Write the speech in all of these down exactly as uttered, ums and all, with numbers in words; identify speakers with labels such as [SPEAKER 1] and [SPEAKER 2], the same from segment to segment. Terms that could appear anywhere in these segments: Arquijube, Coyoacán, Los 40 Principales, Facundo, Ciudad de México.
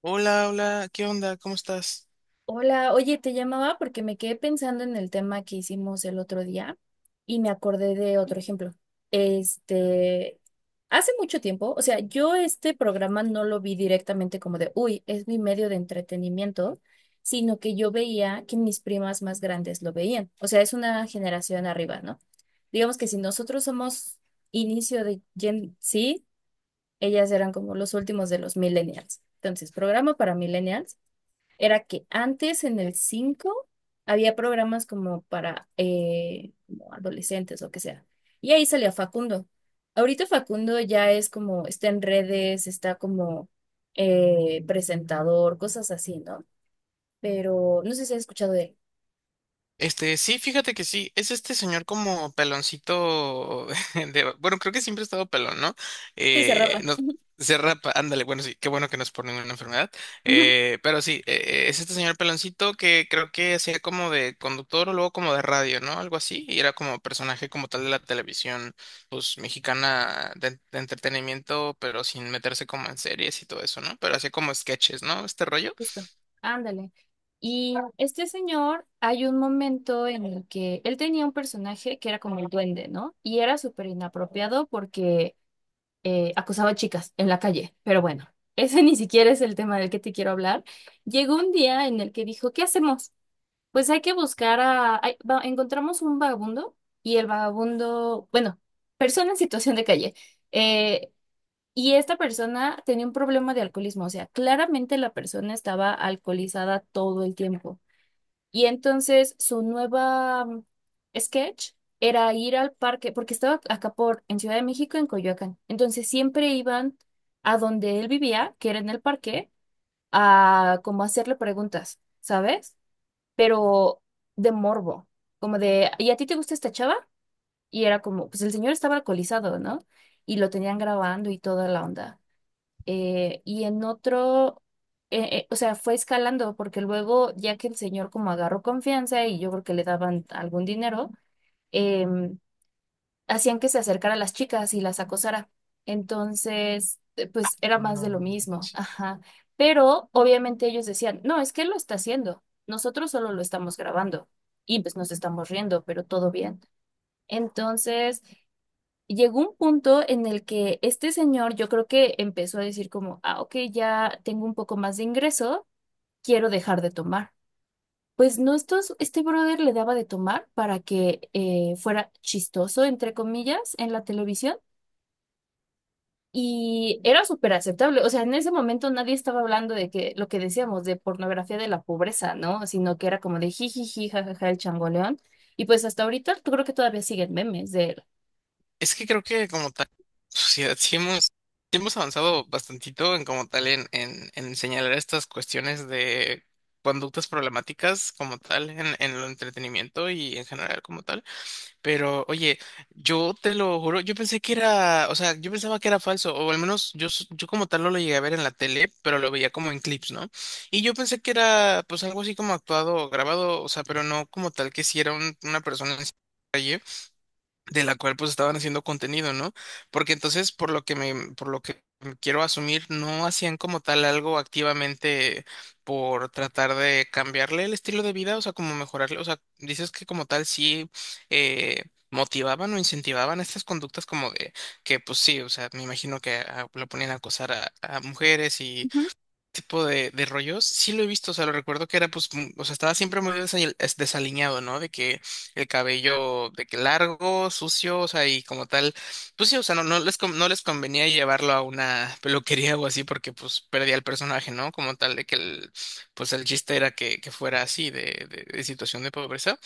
[SPEAKER 1] Hola, hola, ¿qué onda? ¿Cómo estás?
[SPEAKER 2] Hola, oye, te llamaba porque me quedé pensando en el tema que hicimos el otro día y me acordé de otro ejemplo. Este, hace mucho tiempo, o sea, yo este programa no lo vi directamente como de, uy, es mi medio de entretenimiento, sino que yo veía que mis primas más grandes lo veían. O sea, es una generación arriba, ¿no? Digamos que si nosotros somos inicio de Gen Z, ellas eran como los últimos de los millennials. Entonces, programa para millennials era que antes en el cinco había programas como para eh, como adolescentes o que sea. Y ahí salía Facundo. Ahorita Facundo ya es como, está en redes, está como eh, presentador, cosas así, ¿no? Pero no sé si has escuchado de él.
[SPEAKER 1] Este, sí, fíjate que sí, es este señor como peloncito de, bueno, creo que siempre ha estado pelón, ¿no?
[SPEAKER 2] Sí, se
[SPEAKER 1] Eh,
[SPEAKER 2] rapa.
[SPEAKER 1] no, se rapa, ándale, bueno, sí, qué bueno que no es por ninguna enfermedad,
[SPEAKER 2] Ujú.
[SPEAKER 1] eh, pero sí, eh, eh, es este señor peloncito que creo que hacía como de conductor o luego como de radio, ¿no? Algo así, y era como personaje como tal de la televisión, pues, mexicana de, de entretenimiento, pero sin meterse como en series y todo eso, ¿no? Pero hacía como sketches, ¿no? Este rollo.
[SPEAKER 2] Justo, ándale. Y este señor, hay un momento en el que él tenía un personaje que era como el duende, ¿no? Y era súper inapropiado porque eh, acosaba a chicas en la calle, pero bueno, ese ni siquiera es el tema del que te quiero hablar. Llegó un día en el que dijo, ¿qué hacemos? Pues hay que buscar a... hay- va- encontramos un vagabundo y el vagabundo, bueno, persona en situación de calle. eh, y esta persona tenía un problema de alcoholismo, o sea, claramente la persona estaba alcoholizada todo el tiempo. Y entonces su nueva mm, sketch era ir al parque, porque estaba acá por, en Ciudad de México, en Coyoacán. Entonces siempre iban a donde él vivía, que era en el parque, a como hacerle preguntas, ¿sabes? Pero de morbo, como de, ¿y a ti te gusta esta chava? Y era como, pues el señor estaba alcoholizado, ¿no? Y lo tenían grabando y toda la onda eh, y en otro, eh, eh, o sea, fue escalando porque luego, ya que el señor como agarró confianza y yo creo que le daban algún dinero, em, hacían que se acercara a las chicas y las acosara. Entonces, eh, pues era más de lo
[SPEAKER 1] No.
[SPEAKER 2] mismo, ajá. Pero obviamente ellos decían, no, es que él lo está haciendo, nosotros solo lo estamos grabando y pues nos estamos riendo, pero todo bien. Entonces, llegó un punto en el que este señor yo creo que empezó a decir como, ah, ok, ya tengo un poco más de ingreso, quiero dejar de tomar. Pues no, estos, este brother le daba de tomar para que eh, fuera chistoso, entre comillas, en la televisión y era súper aceptable. O sea, en ese momento nadie estaba hablando de que lo que decíamos de pornografía de la pobreza, ¿no? Sino que era como de jijiji, jajaja, el changoleón. Y pues hasta ahorita yo creo que todavía siguen memes de él.
[SPEAKER 1] Es que creo que como tal, sociedad, sí hemos, sí hemos avanzado bastantito en como tal en, en, en señalar estas cuestiones de conductas problemáticas como tal en, en el entretenimiento y en general como tal. Pero oye, yo te lo juro, yo pensé que era, o sea, yo pensaba que era falso, o al menos yo, s- yo como tal no lo llegué a ver en la tele, pero lo veía como en clips, ¿no? Y yo pensé que era pues algo así como actuado o grabado, o sea, pero no como tal que si era un- una persona en la calle de la cual pues estaban haciendo contenido, ¿no? Porque entonces, por lo que me, por lo que quiero asumir, no hacían como tal algo activamente por tratar de cambiarle el estilo de vida, o sea, como mejorarle, o sea, dices que como tal sí eh, motivaban o incentivaban estas conductas como de que pues sí, o sea, me imagino que a- lo ponían a acosar a, a mujeres y
[SPEAKER 2] Ujú,
[SPEAKER 1] tipo de, de rollos, sí lo he visto, o sea, lo recuerdo que era, pues, mm, o sea, estaba siempre muy desa- es- desaliñado, ¿no? De que el cabello, de que largo, sucio, o sea, y como tal, pues sí, o sea, no, no les, con- no les convenía llevarlo a una peluquería o así porque, pues, perdía el personaje, ¿no? Como tal, de que el, pues, el chiste era que, que fuera así, de, de, de situación de pobreza.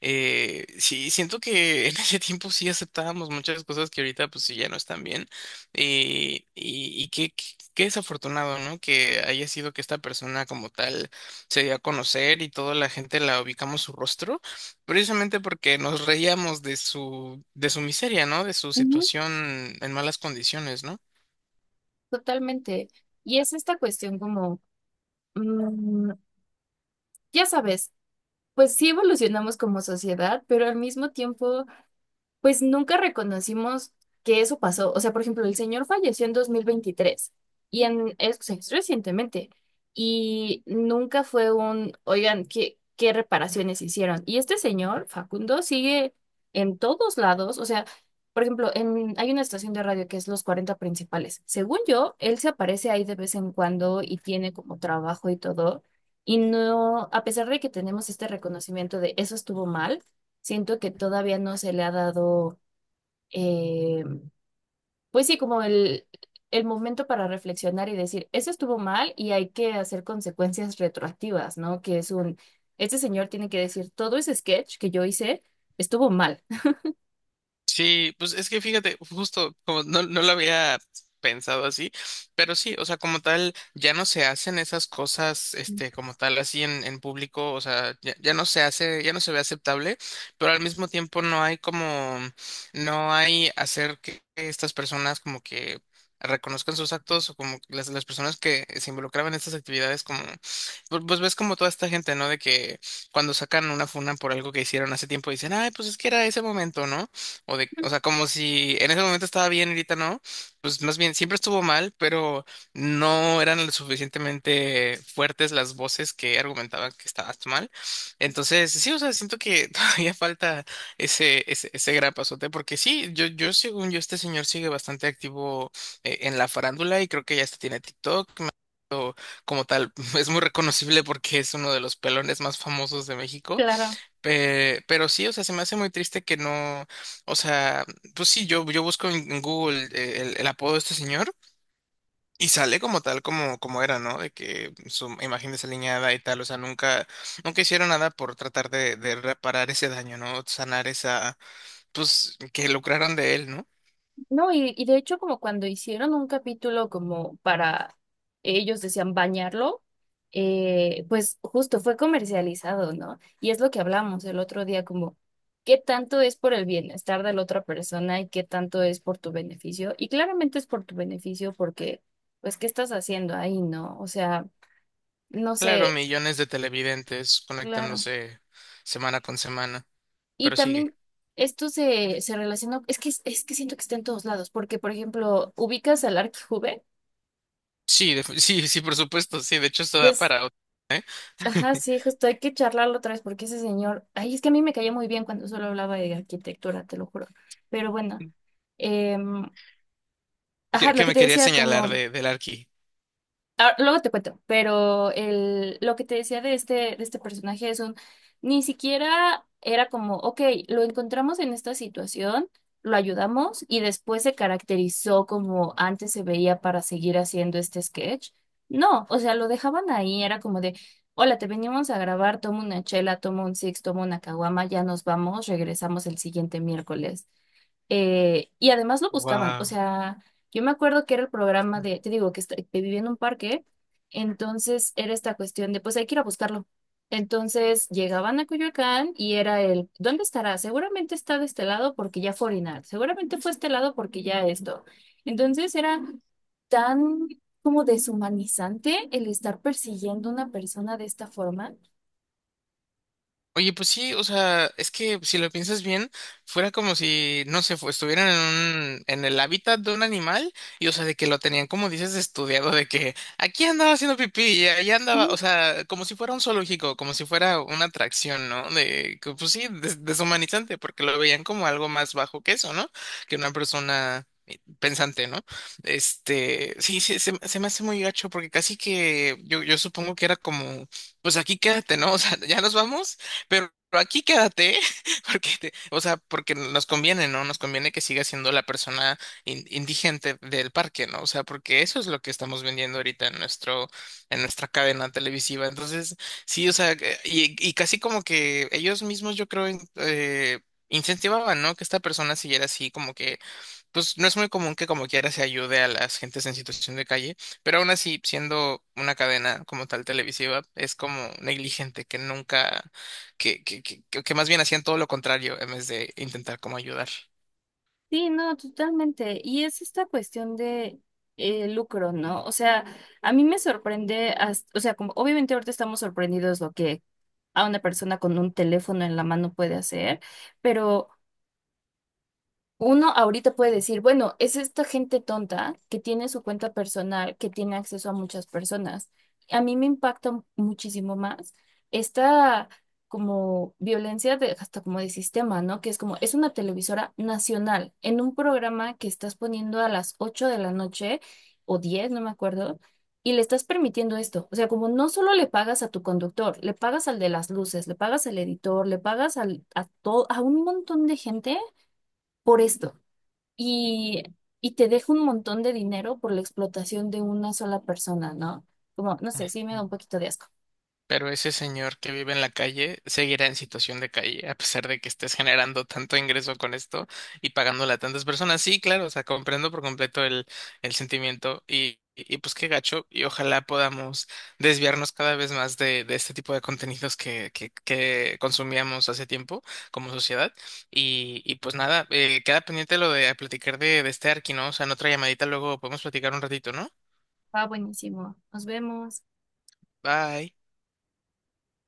[SPEAKER 1] Eh, sí, siento que en ese tiempo sí aceptábamos muchas cosas que ahorita pues sí ya no están bien. Eh, y, y qué, qué qué desafortunado, ¿no? Que haya sido que esta persona como tal se dio a conocer y toda la gente la ubicamos su rostro, precisamente porque nos reíamos de su, de su miseria, ¿no? De su
[SPEAKER 2] ujú.
[SPEAKER 1] situación en malas condiciones, ¿no?
[SPEAKER 2] Totalmente. Y es esta cuestión como, mm, ya sabes, pues sí evolucionamos como sociedad, pero al mismo tiempo... Pues nunca reconocimos que eso pasó. O sea, por ejemplo, el señor falleció en dos mil veintitrés y en, es, o sea, es recientemente y nunca fue un, oigan, ¿qué, qué reparaciones hicieron? Y este señor, Facundo, sigue en todos lados. O sea, por ejemplo, en, hay una estación de radio que es Los cuarenta Principales. Según yo, él se aparece ahí de vez en cuando y tiene como trabajo y todo. Y no, a pesar de que tenemos este reconocimiento de eso estuvo mal. Siento que todavía no se le ha dado, eh, pues sí, como el, el momento para reflexionar y decir, eso estuvo mal y hay que hacer consecuencias retroactivas, ¿no? Que es un, este señor tiene que decir, todo ese sketch que yo hice estuvo mal.
[SPEAKER 1] Sí, pues es que fíjate, justo como no, no lo había pensado así, pero sí, o sea, como tal, ya no se hacen esas cosas, este, como tal, así en, en público, o sea, ya, ya no se hace, ya no se ve aceptable, pero al mismo tiempo no hay como, no hay hacer que estas personas como que reconozcan sus actos o como las, las personas que se involucraban en estas actividades como, pu- pues ves como toda esta gente, ¿no? De que cuando sacan una funa por algo que hicieron hace tiempo dicen, ay, pues es que era ese momento, ¿no? O, de, o sea, como si en ese momento estaba bien, ahorita no. Pues más bien, siempre estuvo mal, pero no eran lo suficientemente fuertes las voces que argumentaban que estabas mal. Entonces, sí, o sea, siento que todavía falta ese, ese, ese gran pasote, porque sí, yo, yo, según yo, este señor sigue bastante activo eh, en la farándula y creo que ya hasta tiene TikTok. Como tal, es muy reconocible porque es uno de los pelones más famosos de México.
[SPEAKER 2] Claro.
[SPEAKER 1] Pe- pero sí, o sea, se me hace muy triste que no, o sea, pues sí, yo, yo busco en en Google eh, el, el apodo de este señor y sale como tal, como, como era, ¿no? De que su imagen desaliñada y tal, o sea, nunca, nunca hicieron nada por tratar de, de reparar ese daño, ¿no? Sanar esa, pues, que lucraron de él, ¿no?
[SPEAKER 2] No, y, y de hecho como cuando hicieron un capítulo como para, ellos decían bañarlo, eh, pues justo fue comercializado, ¿no? Y es lo que hablamos el otro día, como qué tanto es por el bienestar de la otra persona y qué tanto es por tu beneficio. Y claramente es por tu beneficio porque, pues, ¿qué estás haciendo ahí, no? O sea, no
[SPEAKER 1] Claro,
[SPEAKER 2] sé,
[SPEAKER 1] millones de televidentes
[SPEAKER 2] claro.
[SPEAKER 1] conectándose semana con semana,
[SPEAKER 2] Y
[SPEAKER 1] pero sigue.
[SPEAKER 2] también esto se, se relacionó es que, es que siento que está en todos lados, porque, por ejemplo, ubicas al Arquijube,
[SPEAKER 1] Sí, def- sí, sí, por supuesto, sí, de hecho esto da
[SPEAKER 2] pues
[SPEAKER 1] para otro.
[SPEAKER 2] ajá, sí, justo hay que charlarlo otra vez porque ese señor, ay, es que a mí me caía muy bien cuando solo hablaba de arquitectura, te lo juro. Pero bueno, em, ajá,
[SPEAKER 1] ¿Qué,
[SPEAKER 2] lo
[SPEAKER 1] qué
[SPEAKER 2] que
[SPEAKER 1] me
[SPEAKER 2] te
[SPEAKER 1] quería
[SPEAKER 2] decía,
[SPEAKER 1] señalar
[SPEAKER 2] como
[SPEAKER 1] de, del Arqui?
[SPEAKER 2] ah, luego te cuento, pero el, lo que te decía de este, de este personaje es un, ni siquiera era como, ok, lo encontramos en esta situación, lo ayudamos y después se caracterizó como antes se veía para seguir haciendo este sketch. No, o sea, lo dejaban ahí, era como de, hola, te venimos a grabar, toma una chela, toma un six, toma una caguama, ya nos vamos, regresamos el siguiente miércoles. Eh, y además lo buscaban, o
[SPEAKER 1] Wow.
[SPEAKER 2] sea, yo me acuerdo que era el programa de, te digo, que, est- que vivía en un parque, entonces era esta cuestión de, pues hay que ir a buscarlo. Entonces llegaban a Coyoacán y era el, ¿dónde estará? Seguramente está de este lado porque ya fue a orinar, seguramente fue a este lado porque ya esto. Entonces era tan como deshumanizante el estar persiguiendo a una persona de esta forma.
[SPEAKER 1] Oye, pues sí, o sea, es que si lo piensas bien, fuera como si, no sé, fu- estuvieran en un, en el hábitat de un animal y, o sea, de que lo tenían, como dices, estudiado, de que aquí andaba haciendo pipí y allá andaba, o sea, como si fuera un zoológico, como si fuera una atracción, ¿no? De, que, pues sí, des- deshumanizante, porque lo veían como algo más bajo que eso, ¿no? Que una persona pensante, ¿no? Este, sí, sí, se, se me hace muy gacho porque casi que yo, yo supongo que era como, pues aquí quédate, ¿no? O sea, ya nos vamos, pero aquí quédate, porque te- o sea, porque nos conviene, ¿no? Nos conviene que siga siendo la persona in- indigente del parque, ¿no? O sea, porque eso es lo que estamos vendiendo ahorita en nuestro, en nuestra cadena televisiva. Entonces, sí, o sea, que- y, y casi como que ellos mismos, yo creo, in- eh, incentivaban, ¿no? Que esta persona siguiera así como que pues no es muy común que como quiera se ayude a las gentes en situación de calle, pero aún así, siendo una cadena como tal televisiva, es como negligente, que nunca, que, que, que, que que más bien hacían todo lo contrario en vez de intentar como ayudar.
[SPEAKER 2] Sí, no, totalmente. Y es esta cuestión de eh, lucro, ¿no? O sea, a mí me sorprende, hasta- o sea, como obviamente ahorita estamos sorprendidos lo que a una persona con un teléfono en la mano puede hacer, pero uno ahorita puede decir, bueno, es esta gente tonta que tiene su cuenta personal, que tiene acceso a muchas personas. A mí me impacta mu- muchísimo más esta como violencia de, hasta como de sistema, ¿no? Que es como, es una televisora nacional en un programa que estás poniendo a las ocho de la noche o diez no me acuerdo, y le estás permitiendo esto. O sea, como no solo le pagas a tu conductor, le pagas al de las luces, le pagas al editor, le pagas al, a, to- a un montón de gente por esto y, y te deja un montón de dinero por la explotación de una sola persona, ¿no? Como, no sé, sí me da un poquito de asco.
[SPEAKER 1] Pero ese señor que vive en la calle seguirá en situación de calle, a pesar de que estés generando tanto ingreso con esto y pagándole a tantas personas. Sí, claro, o sea, comprendo por completo el, el sentimiento y, y pues qué gacho. Y ojalá podamos desviarnos cada vez más de, de este tipo de contenidos que, que, que consumíamos hace tiempo como sociedad. Y, y pues nada, eh, queda pendiente lo de platicar de, de este Arki, ¿no? O sea, en otra llamadita luego podemos platicar un ratito, ¿no?
[SPEAKER 2] Va buenísimo. Nos vemos.
[SPEAKER 1] Bye.